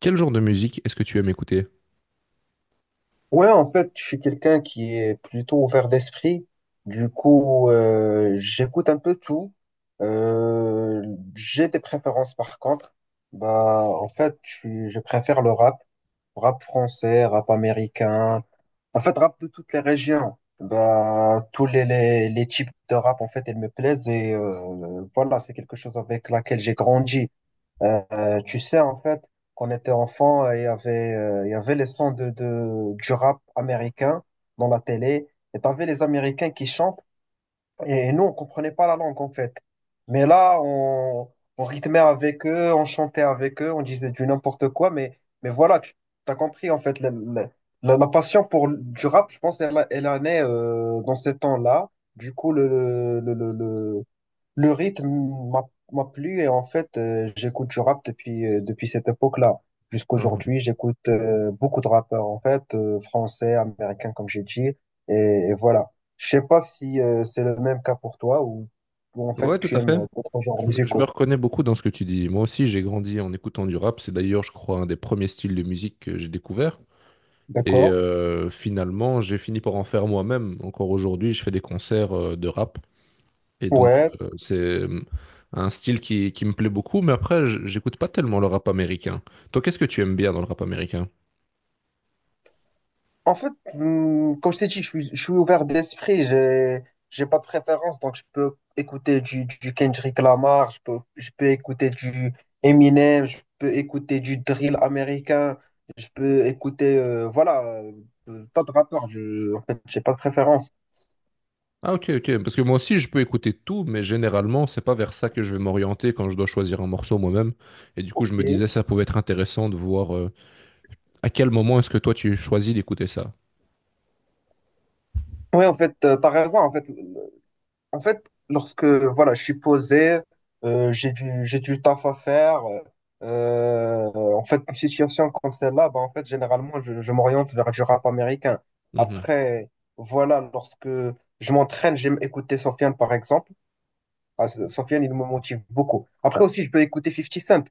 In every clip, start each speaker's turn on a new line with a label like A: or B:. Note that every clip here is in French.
A: Quel genre de musique est-ce que tu aimes écouter?
B: Ouais, en fait, je suis quelqu'un qui est plutôt ouvert d'esprit. Du coup, j'écoute un peu tout. Euh, j'ai des préférences par contre. Bah, en fait, je préfère le rap, rap français, rap américain. En fait, rap de toutes les régions. Bah, tous les types de rap, en fait, ils me plaisent et voilà, c'est quelque chose avec laquelle j'ai grandi. Tu sais, en fait, quand on était enfant, il y avait les sons du rap américain dans la télé, et t'avais les Américains qui chantent, et nous, on comprenait pas la langue, en fait. Mais là, on rythmait avec eux, on chantait avec eux, on disait du n'importe quoi, mais voilà, tu as compris, en fait, la passion pour du rap, je pense, elle, elle en est dans ces temps-là. Du coup, le rythme m'a m'a plu et en fait, j'écoute du rap depuis, depuis cette époque-là.
A: Ah,
B: Jusqu'aujourd'hui, j'écoute beaucoup de rappeurs en fait, français, américains comme j'ai dit. Et voilà. Je sais pas si c'est le même cas pour toi ou en
A: ah.
B: fait
A: Ouais, tout
B: tu
A: à
B: aimes
A: fait.
B: d'autres genres
A: Je me
B: musicaux.
A: reconnais beaucoup dans ce que tu dis. Moi aussi, j'ai grandi en écoutant du rap. C'est d'ailleurs, je crois, un des premiers styles de musique que j'ai découvert. Et
B: D'accord?
A: finalement, j'ai fini par en faire moi-même. Encore aujourd'hui, je fais des concerts de rap. Et donc,
B: Ouais,
A: c'est un style qui me plaît beaucoup. Mais après, j'écoute pas tellement le rap américain. Toi, qu'est-ce que tu aimes bien dans le rap américain?
B: en fait, comme je t'ai dit, je suis ouvert d'esprit, j'ai pas de préférence, donc je peux écouter du Kendrick Lamar, je peux écouter du Eminem, je peux écouter du drill américain, je peux écouter, voilà, pas de rappeur, en fait, j'ai pas de préférence.
A: Ah ok, ok, parce que moi aussi je peux écouter tout, mais généralement c'est pas vers ça que je vais m'orienter quand je dois choisir un morceau moi-même. Et du coup
B: Ok.
A: je me
B: Oui,
A: disais ça pouvait être intéressant de voir à quel moment est-ce que toi tu choisis d'écouter ça.
B: en fait, t'as raison, en fait, lorsque voilà, je suis posé, j'ai du taf à faire. euh, en fait, une situation comme celle-là, bah, en fait, généralement, je m'oriente vers du rap américain.
A: Mhm,
B: Après, voilà, lorsque je m'entraîne, j'aime écouter Sofiane, par exemple. Ah, Sofiane, il me motive beaucoup. Après aussi, je peux écouter Fifty Cent.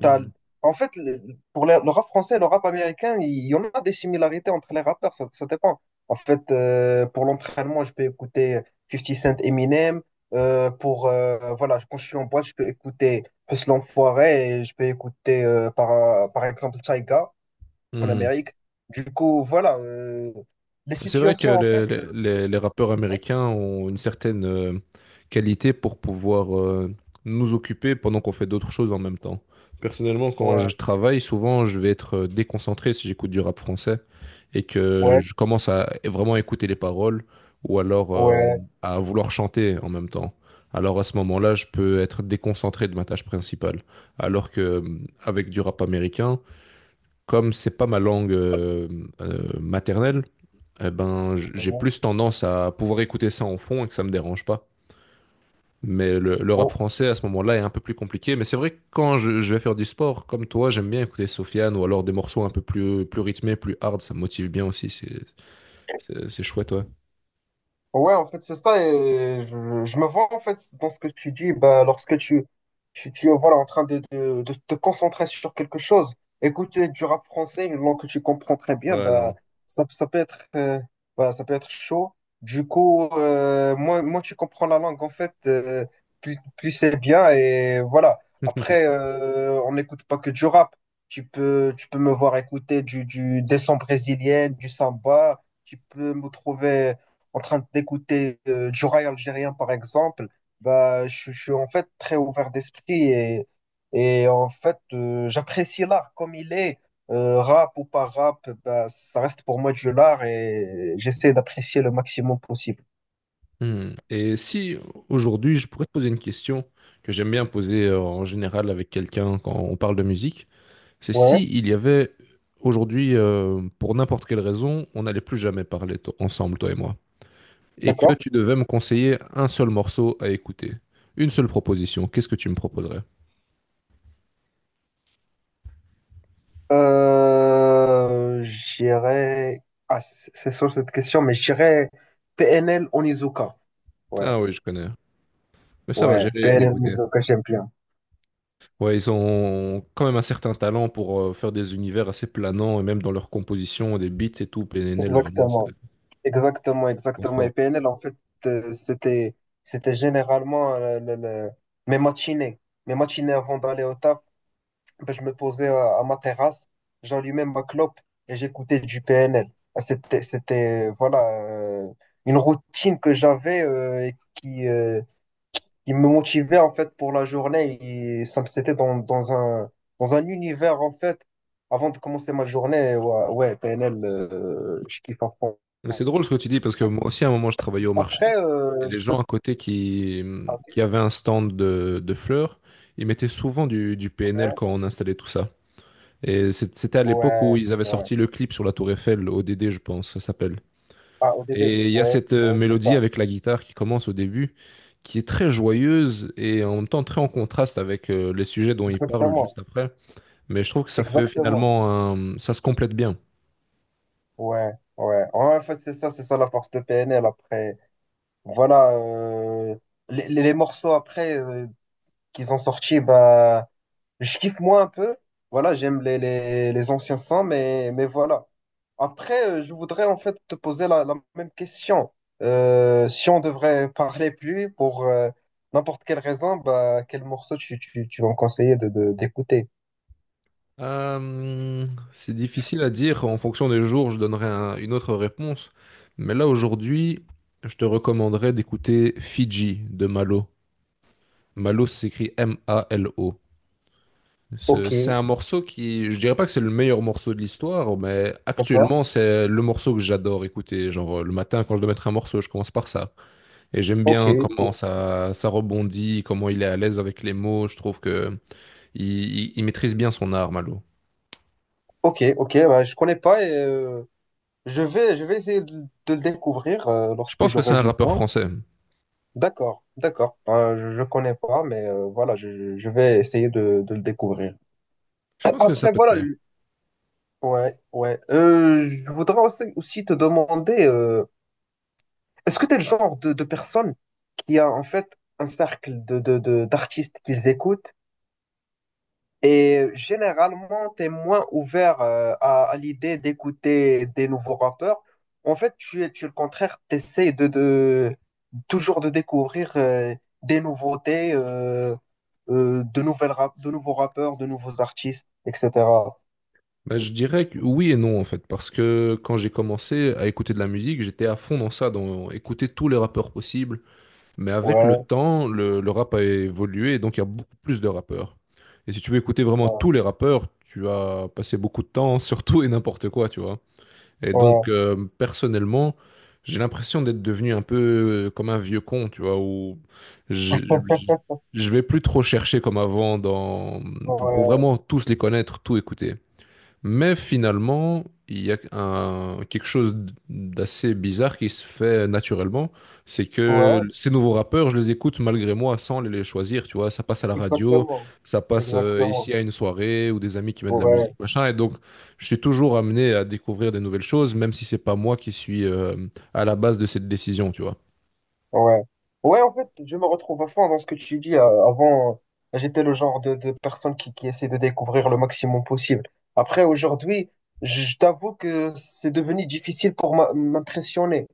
B: T'as- En fait, pour le rap français et le rap américain, il y en a des similarités entre les rappeurs, ça dépend. En fait, pour l'entraînement, je peux écouter Fifty Cent Eminem. Voilà, quand je suis en boîte, je peux écouter Hustle l'Enfoiré et je peux écouter, par exemple, Tyga en
A: mhm.
B: Amérique. Du coup, voilà, les
A: C'est vrai que
B: situations, en
A: le-
B: fait,
A: le- les, les rappeurs américains ont une certaine qualité pour pouvoir nous occuper pendant qu'on fait d'autres choses en même temps. Personnellement, quand je
B: ouais,
A: travaille, souvent, je vais être déconcentré si j'écoute du rap français et que
B: ouais,
A: je commence à vraiment écouter les paroles ou alors
B: ouais,
A: à vouloir chanter en même temps. Alors à ce moment-là, je peux être déconcentré de ma tâche principale. Alors que avec du rap américain, comme c'est pas ma langue maternelle, eh ben, j'ai
B: ouais,
A: plus tendance à pouvoir écouter ça en fond et que ça me dérange pas. Mais le rap
B: ouais.
A: français à ce moment-là est un peu plus compliqué. Mais c'est vrai que quand je vais faire du sport, comme toi, j'aime bien écouter Sofiane ou alors des morceaux un peu plus rythmés, plus hard. Ça me motive bien aussi. C'est chouette, ouais.
B: Ouais, en fait, c'est ça. Et je me vois, en fait, dans ce que tu dis, bah, lorsque tu es voilà, en train de te concentrer sur quelque chose, écouter du rap français, une langue que tu comprends très bien,
A: Ouais,
B: bah,
A: non.
B: ça peut être, bah, ça peut être chaud. Du coup, moins tu comprends la langue, en fait, plus c'est bien. Et voilà. Après, on n'écoute pas que du rap. Tu peux me voir écouter des sons brésiliennes, du samba. Tu peux me trouver en train d'écouter du rail algérien, par exemple, bah, je suis en fait très ouvert d'esprit et, et en fait, j'apprécie l'art comme il est. Rap ou pas rap, bah, ça reste pour moi du l'art et j'essaie d'apprécier le maximum possible.
A: Hmm. Et si aujourd'hui, je pourrais te poser une question que j'aime bien poser en général avec quelqu'un quand on parle de musique, c'est si
B: Ouais,
A: il y avait aujourd'hui, pour n'importe quelle raison, on n'allait plus jamais parler ensemble, toi et moi. Et que
B: d'accord.
A: tu devais me conseiller un seul morceau à écouter. Une seule proposition, qu'est-ce que tu me proposerais?
B: J'irai. Ah, c'est sur cette question, mais j'irai PNL Onizuka. Ouais,
A: Ah oui, je connais. Mais ça va,
B: ouais,
A: j'irai
B: PNL
A: écouter.
B: Onizuka, j'aime bien.
A: Ouais, ils ont quand même un certain talent pour faire des univers assez planants et même dans leur composition, des beats et tout. PNL, vraiment, c'est
B: Exactement. Exactement,
A: ils sont
B: exactement. Et
A: forts.
B: PNL, en fait, euh, c'était, c'était généralement mes matinées. Mes matinées avant d'aller au taf, ben, je me posais à ma terrasse, j'allumais ma clope et j'écoutais du PNL. Ah, c'était, voilà, euh, une routine que j'avais et qui me motivait, en fait, pour la journée. C'était dans un univers, en fait, avant de commencer ma journée. Ouais, ouais, PNL, je kiffe à fond.
A: Mais c'est drôle ce que tu dis parce que moi aussi, à un moment, je travaillais au marché
B: Après,
A: et les
B: je peux...
A: gens à côté qui,
B: Ok,
A: qui avaient un stand de fleurs, ils mettaient souvent du PNL
B: ouais,
A: quand on installait tout ça. Et c'était à l'époque où
B: ouais,
A: ils avaient
B: ouais.
A: sorti le clip sur la Tour Eiffel, ODD, je pense, ça s'appelle.
B: Ah, ODD,
A: Et il y a
B: ouais,
A: cette
B: ouais, c'est
A: mélodie
B: ça.
A: avec la guitare qui commence au début, qui est très joyeuse et en même temps très en contraste avec les sujets dont ils parlent
B: Exactement,
A: juste après. Mais je trouve que ça fait
B: exactement.
A: finalement ça se complète bien.
B: Ouais, ouais. Ouais, en fait, c'est ça la force de PNL. Après, voilà, les morceaux après qu'ils ont sortis, bah, je kiffe moi un peu. Voilà, j'aime les anciens sons, mais voilà. Après, je voudrais en fait te poser la même question. Si on devrait parler plus pour n'importe quelle raison, bah, quel morceau tu vas me conseiller d'écouter?
A: Euh, c'est difficile à dire. En fonction des jours, je donnerai une autre réponse. Mais là, aujourd'hui, je te recommanderais d'écouter Fiji de Malo. Malo, ça s'écrit M-A-L-O.
B: Ok,
A: C'est un morceau qui, je dirais pas que c'est le meilleur morceau de l'histoire, mais
B: d'accord.
A: actuellement c'est le morceau que j'adore écouter. Genre le matin quand je dois mettre un morceau, je commence par ça. Et j'aime
B: Ok,
A: bien comment
B: o-
A: ça rebondit, comment il est à l'aise avec les mots. Je trouve que il, il maîtrise bien son art, Malo.
B: ok, ok. Bah, je connais pas et je vais essayer de le découvrir
A: Je
B: lorsque
A: pense que c'est
B: j'aurai
A: un
B: du
A: rappeur
B: temps.
A: français.
B: D'accord, d'accord. Je connais pas, mais voilà, je vais essayer de le découvrir.
A: Je pense que ça
B: Après,
A: peut te
B: voilà.
A: plaire.
B: Ouais, ouais. Je voudrais aussi te demander, est-ce que tu es le genre de personne qui a en fait un cercle d'artistes qu'ils écoutent et généralement tu es moins ouvert à l'idée d'écouter des nouveaux rappeurs. En fait, tu es le contraire, tu essaies de toujours de découvrir des nouveautés, de nouveaux rappeurs, de nouveaux artistes, etc.
A: Mais je dirais que oui et non en fait, parce que quand j'ai commencé à écouter de la musique, j'étais à fond dans ça, dans écouter tous les rappeurs possibles. Mais avec le
B: Ouais,
A: temps, le rap a évolué et donc il y a beaucoup plus de rappeurs. Et si tu veux écouter vraiment
B: ouais,
A: tous les rappeurs, tu vas passer beaucoup de temps sur tout et n'importe quoi, tu vois. Et
B: ouais,
A: donc, personnellement, j'ai l'impression d'être devenu un peu comme un vieux con, tu vois, où je, je je vais plus trop chercher comme avant pour
B: ouais.
A: vraiment tous les connaître, tout écouter. Mais finalement, il y a quelque chose d'assez bizarre qui se fait naturellement. C'est
B: Ouais,
A: que ces nouveaux rappeurs, je les écoute malgré moi sans les choisir. Tu vois, ça passe à la radio,
B: exactement.
A: ça passe
B: Exactement.
A: ici à une soirée ou des amis qui mettent de la musique,
B: Ouais,
A: machin. Et donc, je suis toujours amené à découvrir des nouvelles choses, même si c'est pas moi qui suis à la base de cette décision. Tu vois.
B: ouais. Ouais, en fait, je me retrouve à fond dans ce que tu dis. Avant, j'étais le genre de personne qui, essaie de découvrir le maximum possible. Après, aujourd'hui, je t'avoue que c'est devenu difficile pour m'impressionner.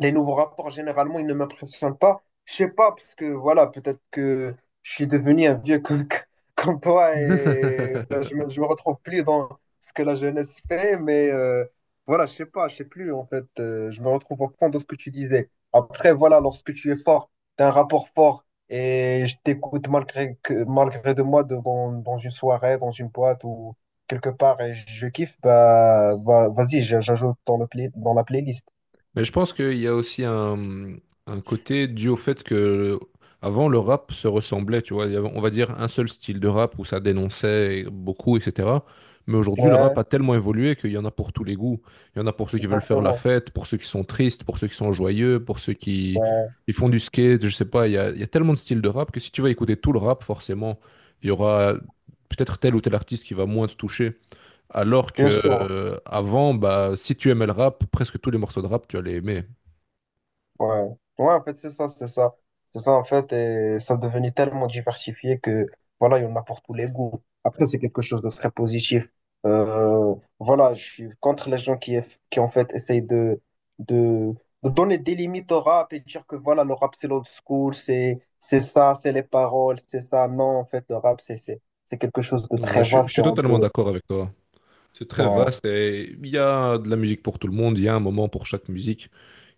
B: Les nouveaux rapports, généralement, ils ne m'impressionnent pas. Je sais pas, parce que voilà, peut-être que je suis devenu un vieux comme, comme toi et ben, je me retrouve plus dans ce que la jeunesse fait, mais voilà, je sais pas, je sais plus en fait. Je me retrouve au fond de ce que tu disais. Après, voilà, lorsque tu es fort, tu as un rapport fort et je t'écoute malgré, que, malgré de moi dans une soirée, dans une boîte ou quelque part et je kiffe, bah, vas-y, j'ajoute dans dans la playlist.
A: Mais je pense qu'il y a aussi un côté dû au fait que avant le rap se ressemblait, tu vois, il y avait, on va dire un seul style de rap où ça dénonçait beaucoup, etc. Mais aujourd'hui, le rap
B: Ouais.
A: a tellement évolué qu'il y en a pour tous les goûts. Il y en a pour ceux qui veulent faire la
B: Exactement.
A: fête, pour ceux qui sont tristes, pour ceux qui sont joyeux, pour ceux qui
B: Ouais,
A: ils font du skate, je sais pas. Il y a tellement de styles de rap que si tu vas écouter tout le rap, forcément, il y aura peut-être tel ou tel artiste qui va moins te toucher. Alors que
B: bien sûr.
A: avant, bah, si tu aimais le rap, presque tous les morceaux de rap, tu allais aimer.
B: Ouais. Ouais, en fait, c'est ça, c'est ça. C'est ça, en fait, et ça devenait tellement diversifié que, voilà, il y en a pour tous les goûts. Après, c'est quelque chose de très positif. Euh, voilà, je suis contre les gens qui, qui en fait, essayent de, de donner des limites au rap et dire que, voilà, le rap, c'est l'old school, c'est ça, c'est les paroles, c'est ça. Non, en fait, le rap, c'est quelque chose de
A: Ouais,
B: très
A: je, suis je
B: vaste
A: suis
B: et on
A: totalement
B: peut...
A: d'accord avec toi. C'est très
B: Ouais,
A: vaste et il y a de la musique pour tout le monde, il y a un moment pour chaque musique.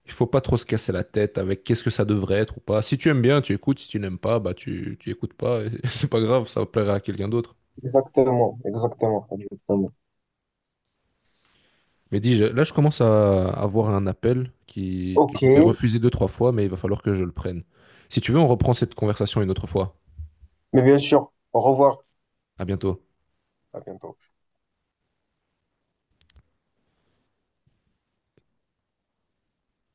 A: Il faut pas trop se casser la tête avec qu'est-ce que ça devrait être ou pas. Si tu aimes bien, tu écoutes. Si tu n'aimes pas, bah tu écoutes pas, et c'est pas grave, ça plaira à quelqu'un d'autre.
B: exactement, exactement, exactement.
A: Mais dis, là, je commence à avoir un appel que
B: Ok.
A: j'ai refusé deux, trois fois, mais il va falloir que je le prenne. Si tu veux, on reprend cette conversation une autre fois.
B: Mais bien sûr, au revoir,
A: À bientôt.
B: à bientôt.